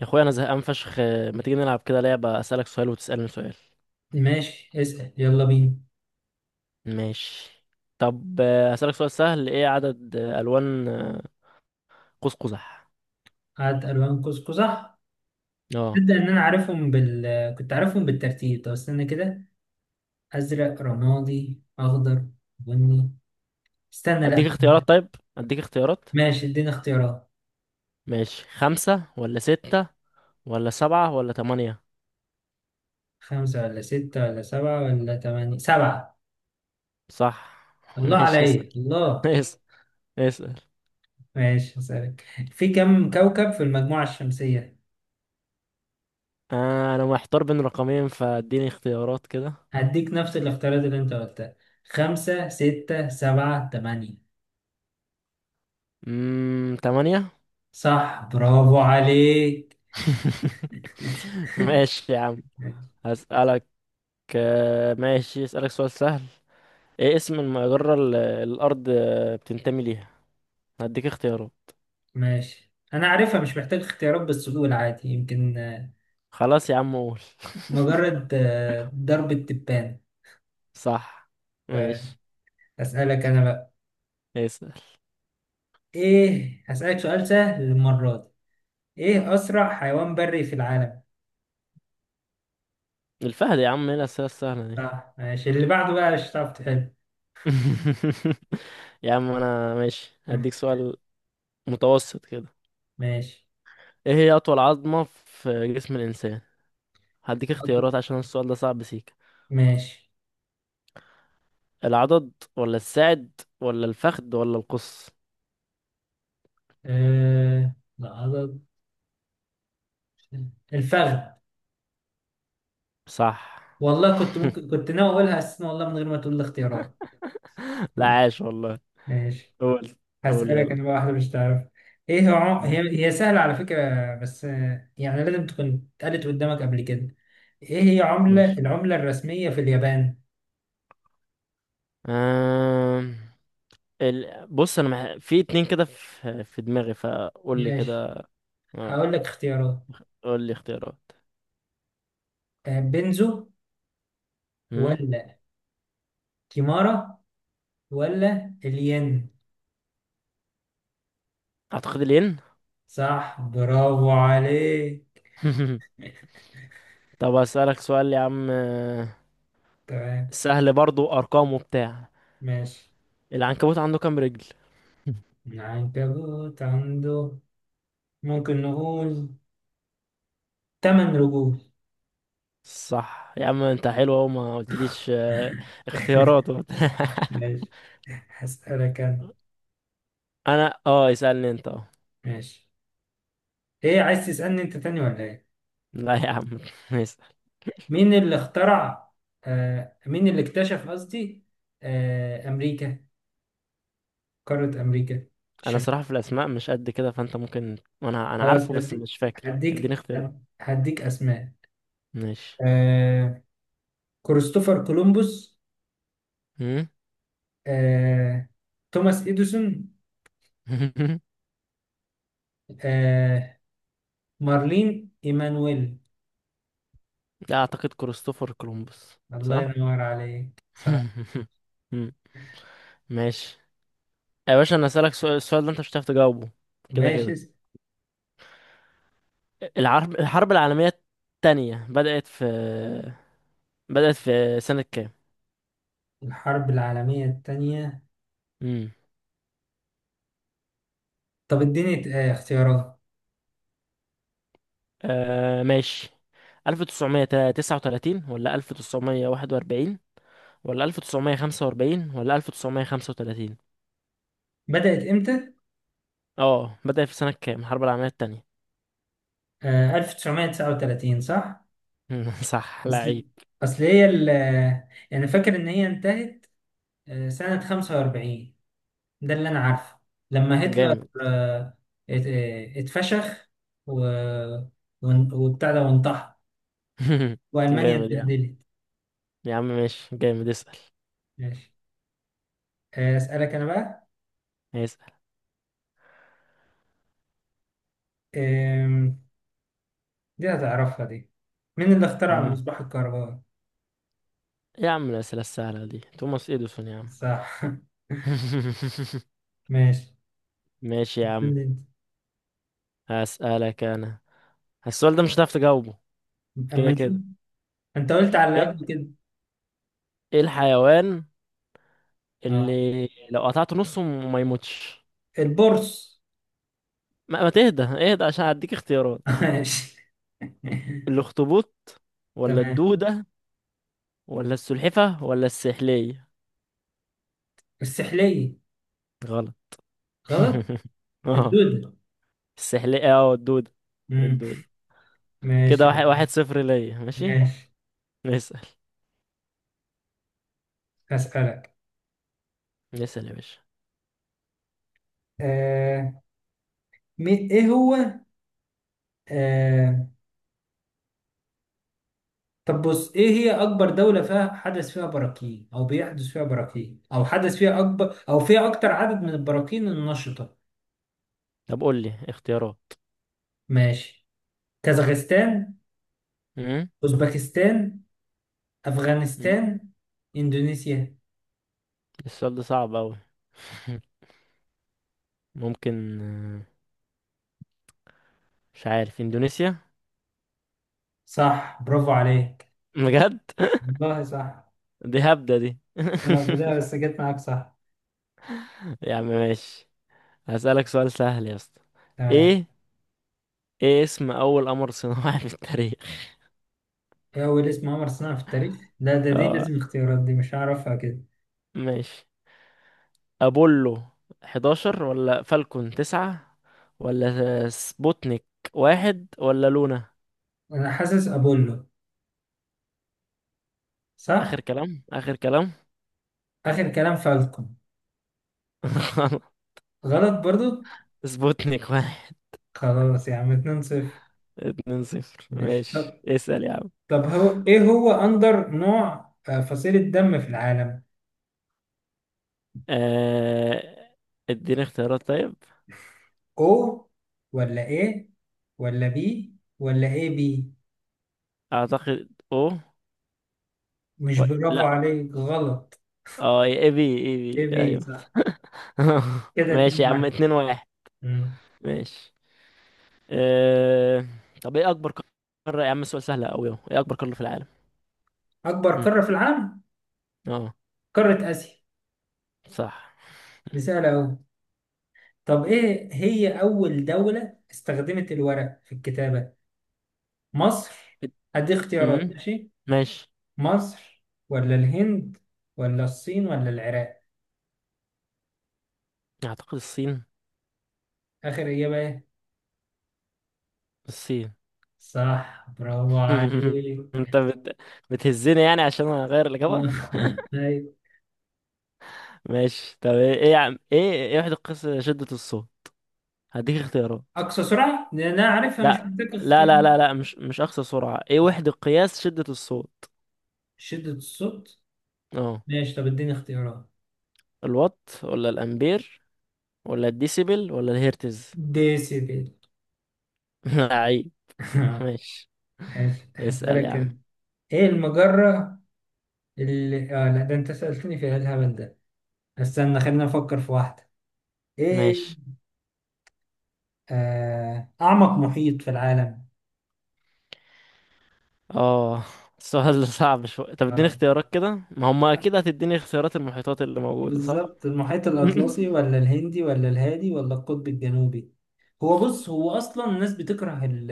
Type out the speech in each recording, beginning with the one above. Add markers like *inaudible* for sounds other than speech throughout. يا اخويا انا زهقان فشخ. ما تيجي نلعب كده لعبة، اسألك سؤال وتسألني سؤال؟ ماشي، اسأل يلا بينا. ماشي. طب اسألك سؤال سهل، ايه عدد الوان قوس قزح؟ هات ألوان قوس قزح. اه، تبدأ إن أنا عارفهم كنت عارفهم بالترتيب. طب استنى كده. أزرق، رمادي، أخضر، بني. استنى، لأ. اديك اختيارات طيب، اديك اختيارات. ماشي، اديني اختيارات. ماشي، خمسة ولا ستة ولا سبعة ولا تمانية؟ خمسة ولا ستة ولا سبعة ولا تمانية. سبعة. صح. *laughs* الله ماشي، اسأل، عليا الله. اسأل، اسأل. ماشي، هسألك. في كم كوكب في المجموعة الشمسية؟ انا محتار بين رقمين، فاديني اختيارات كده. هديك نفس الاختيارات اللي أنت قلتها. خمسة، ستة، سبعة، تمانية. تمانية. صح، برافو عليك. *laughs* *laughs* ماشي يا عم، هسألك. ماشي، اسألك سؤال سهل، ايه اسم المجرة اللي الأرض بتنتمي ليها؟ هديك اختيارات. ماشي، انا عارفها مش محتاج اختيارات، بس قول عادي يمكن. خلاص يا عم، قول. مجرد ضرب التبان. *laughs* صح. آه، ماشي، اسالك انا بقى. اسأل. ايه، هسالك سؤال سهل المره دي. ايه اسرع حيوان بري في العالم؟ الفهد يا عم، ايه الأسئلة السهلة دي؟ صح، ماشي اللي بعده بقى مش هتعرف تحل. *laughs* يا عم أنا ماشي، هديك *laughs* سؤال متوسط كده. ماشي، ايه هي أطول عظمة في جسم الإنسان؟ هديك اختيارات عشان السؤال ده صعب سيكا. ماشي. العضد ولا الساعد ولا الفخذ ولا القص؟ لا، الفخذ. صح. والله كنت ممكن، كنت ناوي اقولها اساسا والله من غير ما تقول لي اختيارات. *laughs* لا، عاش والله. ماشي، قول، قول هسألك يلا. أنا بقى واحدة مش تعرف. إيه آه، هي سهلة على فكرة، بس يعني لازم تكون اتقالت قدامك قبل كده. إيه هي ماشي. العملة الرسمية في اليابان؟ آه. بص انا في اتنين كده في دماغي، فقول لي كده. ماشي، اه، هقول لك اختيارات. قول لي اختيارات. بنزو، امم ولا كيمارا، ولا الين. اعتقد الين. صح، برافو عليك. *laughs* طب اسالك سؤال يا عم، تمام. سهل برضو، ارقام وبتاع. ماشي. العنكبوت عنده كام رجل؟ *laughs* العنكبوت عنده، ممكن نقول، 8 رجول. صح يا عم، انت حلو اهو، ما قلتليش اختيارات *laughs* وبتاع. *laughs* ماشي، هسألك أنا. انا اسالني انت. اه، ماشي، ايه عايز تسألني انت تاني ولا ايه؟ لا يا عم، *laughs* اسال. مين اللي اخترع مين اللي اكتشف قصدي، امريكا، قارة امريكا انا الشمال. صراحة في الاسماء مش قد كده، فانت ممكن. انا خلاص، عارفه بس هديك، مش فاكر، اديني هديك اختيارات. اسماء. ماشي. آه كريستوفر كولومبوس، مم؟ آه توماس اديسون، *laughs* آه مارلين ايمانويل. لا، اعتقد كريستوفر كولومبوس. الله صح. ينور عليك، صح. *laughs* مم. ماشي يا باشا، انا اسالك سؤال، السؤال ده انت مش هتعرف تجاوبه كده ماشي. كده. الحرب العالميه الثانيه بدات في، *laughs* بدات في سنه كام؟ الحرب العالمية الثانية. امم طب اديني اختيارات. ماشي، 1939 ولا 1941 ولا 1945 ولا 1935؟ بدأت امتى؟ اه، بدات في سنه كام الحرب العالميه الثانيه. 1939، صح. *laughs* صح، اصل لعيب. اصل هي يعني فاكر ان هي انتهت سنة 45، ده اللي انا عارفه، لما هتلر جامد. آه، اتفشخ و... وبتاع ده وانتحر، *laughs* والمانيا جامد يا عم، اتبهدلت. يا عم ماشي، جامد. اسال. ماشي، اسالك انا بقى. هيسأل. آم، دي هتعرفها دي. مين اللي اخترع مم. المصباح الكهربائي؟ إيه يا عم الأسئلة السهلة دي؟ توماس إديسون يا عم. صح. *laughs* *laughs* ماشي. ماشي يا عم، استنى. هسألك أنا. السؤال ده مش هتعرف تجاوبه انت، كده اما نشوف. كده. انت قلت على اللي إيه قبل كده. إيه الحيوان اه، اللي لو قطعته نصه ما يموتش؟ البورص. ما تهدى، اهدى عشان هديك اختيارات. *laughs* ماشي. الأخطبوط *laughs* ولا تمام. الدودة ولا السلحفة ولا السحلية؟ السحلية. غلط. غلط، *laughs* اه، الدودة. السحلية، الدودة. مم. الدودة. كده ماشي. واحد، واحد صفر ليا، ماشي. ماشي، نسأل، هسألك نسأل يا باشا. آه. مي- إيه هو آه. طب بص، إيه هي أكبر دولة فيها حدث فيها براكين، أو بيحدث فيها براكين، أو حدث فيها أكبر، أو فيها أكتر عدد من البراكين النشطة؟ طب قول لي اختيارات. ماشي. كازاخستان، مم؟ أوزبكستان، مم؟ أفغانستان، إندونيسيا. السؤال ده صعب أوي. *laughs* ممكن، مش عارف، اندونيسيا، صح، برافو عليك. بجد. والله صح. *laughs* دي هبدة دي. *laughs* لا، لا، بس جت معاك صح. يا عم ماشي، هسألك سؤال سهل يا اسطى. تمام. ايه ايه اسم اول قمر صناعي *laughs* في التاريخ؟ ايه أول اسم قمر صنع في التاريخ؟ لا، ده دي اه، لازم اختيارات، دي مش هعرفها كده. ماشي. ابولو 11 ولا فالكون 9 ولا سبوتنيك واحد ولا لونا؟ أنا حاسس أبولو، اخر صح؟ كلام، اخر كلام. آخر كلام، فالكون. *laughs* غلط برضو؟ سبوتنيك واحد. خلاص يا عم، 2-0. 2-0، ماشي. ماشي، طب اسأل يا عم. طب هو إيه هو أندر نوع، فصيلة دم في العالم؟ آه... اديني اختيارات طيب. أو، ولا إيه، ولا بي، ولا إيه بي؟ اعتقد او. مش برافو لا، عليك، غلط. اه، AB، اي إيه بي، بي، ايوه. صح. *laughs* كده ماشي يا عم، 2-1. 2-1. مم. ماشي. آه... طب ايه اكبر قارة يا عم، سؤال سهل اوي اهو، ايه اكبر قارة في العالم؟ أكبر هم، قارة في العالم؟ اه. قارة آسيا. صح. دي سهلة أوي. طب إيه هي أول دولة استخدمت الورق في الكتابة؟ مصر. ات- هدي اختيارات، مم، ماشي. ماشي. مصر، ولا الهند، ولا الصين، ولا العراق. اعتقد الصين، آخر إجابة إيه؟ الصين. صح، برافو *laughs* عليك. انت بتهزني يعني عشان اغير الاجابة. *laughs* أيوة. ماشي، طب ايه، ايه يا عم، ايه، ايه وحدة قياس شدة الصوت؟ هديك اختيارات. أقصى سرعة؟ لأن أنا عارفها مش لا محتاج لا اختيارات. لا لا لا، مش اقصى سرعة، ايه وحدة قياس شدة الصوت؟ شدة الصوت. اه، ماشي، طب اديني اختيارات. الوات ولا الامبير ولا الديسيبل ولا الهرتز؟ ديسيبل. *laughs* لعيب. *laughs* ماشي، ماشي، اسأل يا هسألك عم. أنا. إيه المجرة اللي لا، ده أنت سألتني في إيه الهبل ده. استنى خلينا نفكر في واحدة. ايه، ماشي. اعمق محيط في العالم. اه، السؤال ده صعب شوية، طب اديني آه. اختيارات كده، ما هم اكيد هتديني اختيارات المحيطات اللي موجودة، صح. بالظبط، المحيط *laughs* الاطلسي، ولا الهندي، ولا الهادي، ولا القطب الجنوبي. هو بص، هو اصلا الناس بتكره ال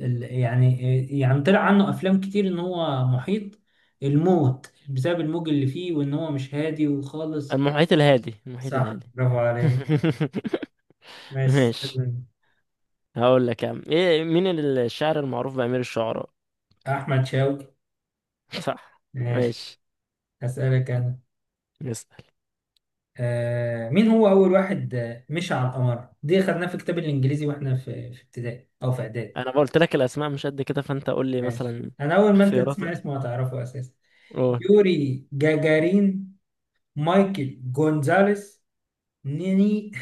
ال يعني طلع عنه افلام كتير ان هو محيط الموت بسبب الموج اللي فيه، وان هو مش هادي وخالص. المحيط الهادي، المحيط صح، الهادي. برافو عليك. *laughs* ماشي. ماشي. هقول لك يا عم، ايه، مين الشاعر المعروف بأمير الشعراء؟ احمد شوقي. *laughs* صح. ماشي، ماشي، هسألك انا. نسأل. مين هو أول واحد مشى على القمر؟ دي خدناها في الكتاب الإنجليزي وإحنا في ابتدائي أو في إعدادي. انا قلت لك الاسماء مش قد كده، فانت قول لي ماشي، مثلا أنا أول ما أنت اختيارات تسمع بقى. اسمه هتعرفه أساسا. قول. يوري جاجارين، مايكل جونزاليس، نيني،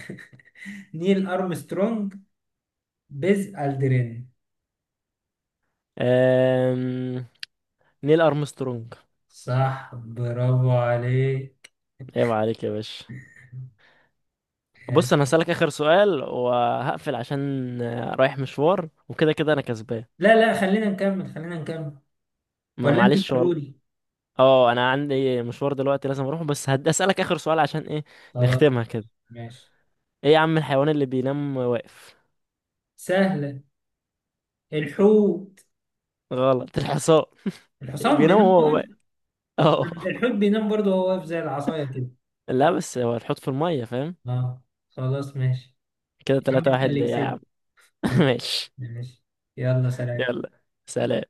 *laughs* نيل أرمسترونج، بيز ألدرين. أم... نيل ارمسترونج. صح، برافو عليك. عيب عليك يا باشا. بص ماشي. انا هسألك اخر سؤال وهقفل عشان رايح مشوار وكده كده انا كسبان. لا، لا، خلينا نكمل، خلينا نكمل. ما ولا أنت معلش والله. بتقولي. اه، انا عندي مشوار دلوقتي لازم اروح، بس اسالك اخر سؤال عشان ايه، خلاص، نختمها كده. ماشي. ايه يا عم الحيوان اللي بينام واقف؟ سهلة. الحوت. غلط، الحصان الحصان بينام بينام. وهو واقف، اه. الحوت بينام برضه وهو واقف زي العصاية كده. لا بس هو هتحط في المية، فاهم. اه، خلاص ماشي. كده يا عم تلاتة انت واحد اللي ليا يا عم. كسبت. *laughs* *laughs* ماشي، ماشي. يلا، سلام. يلا سلام.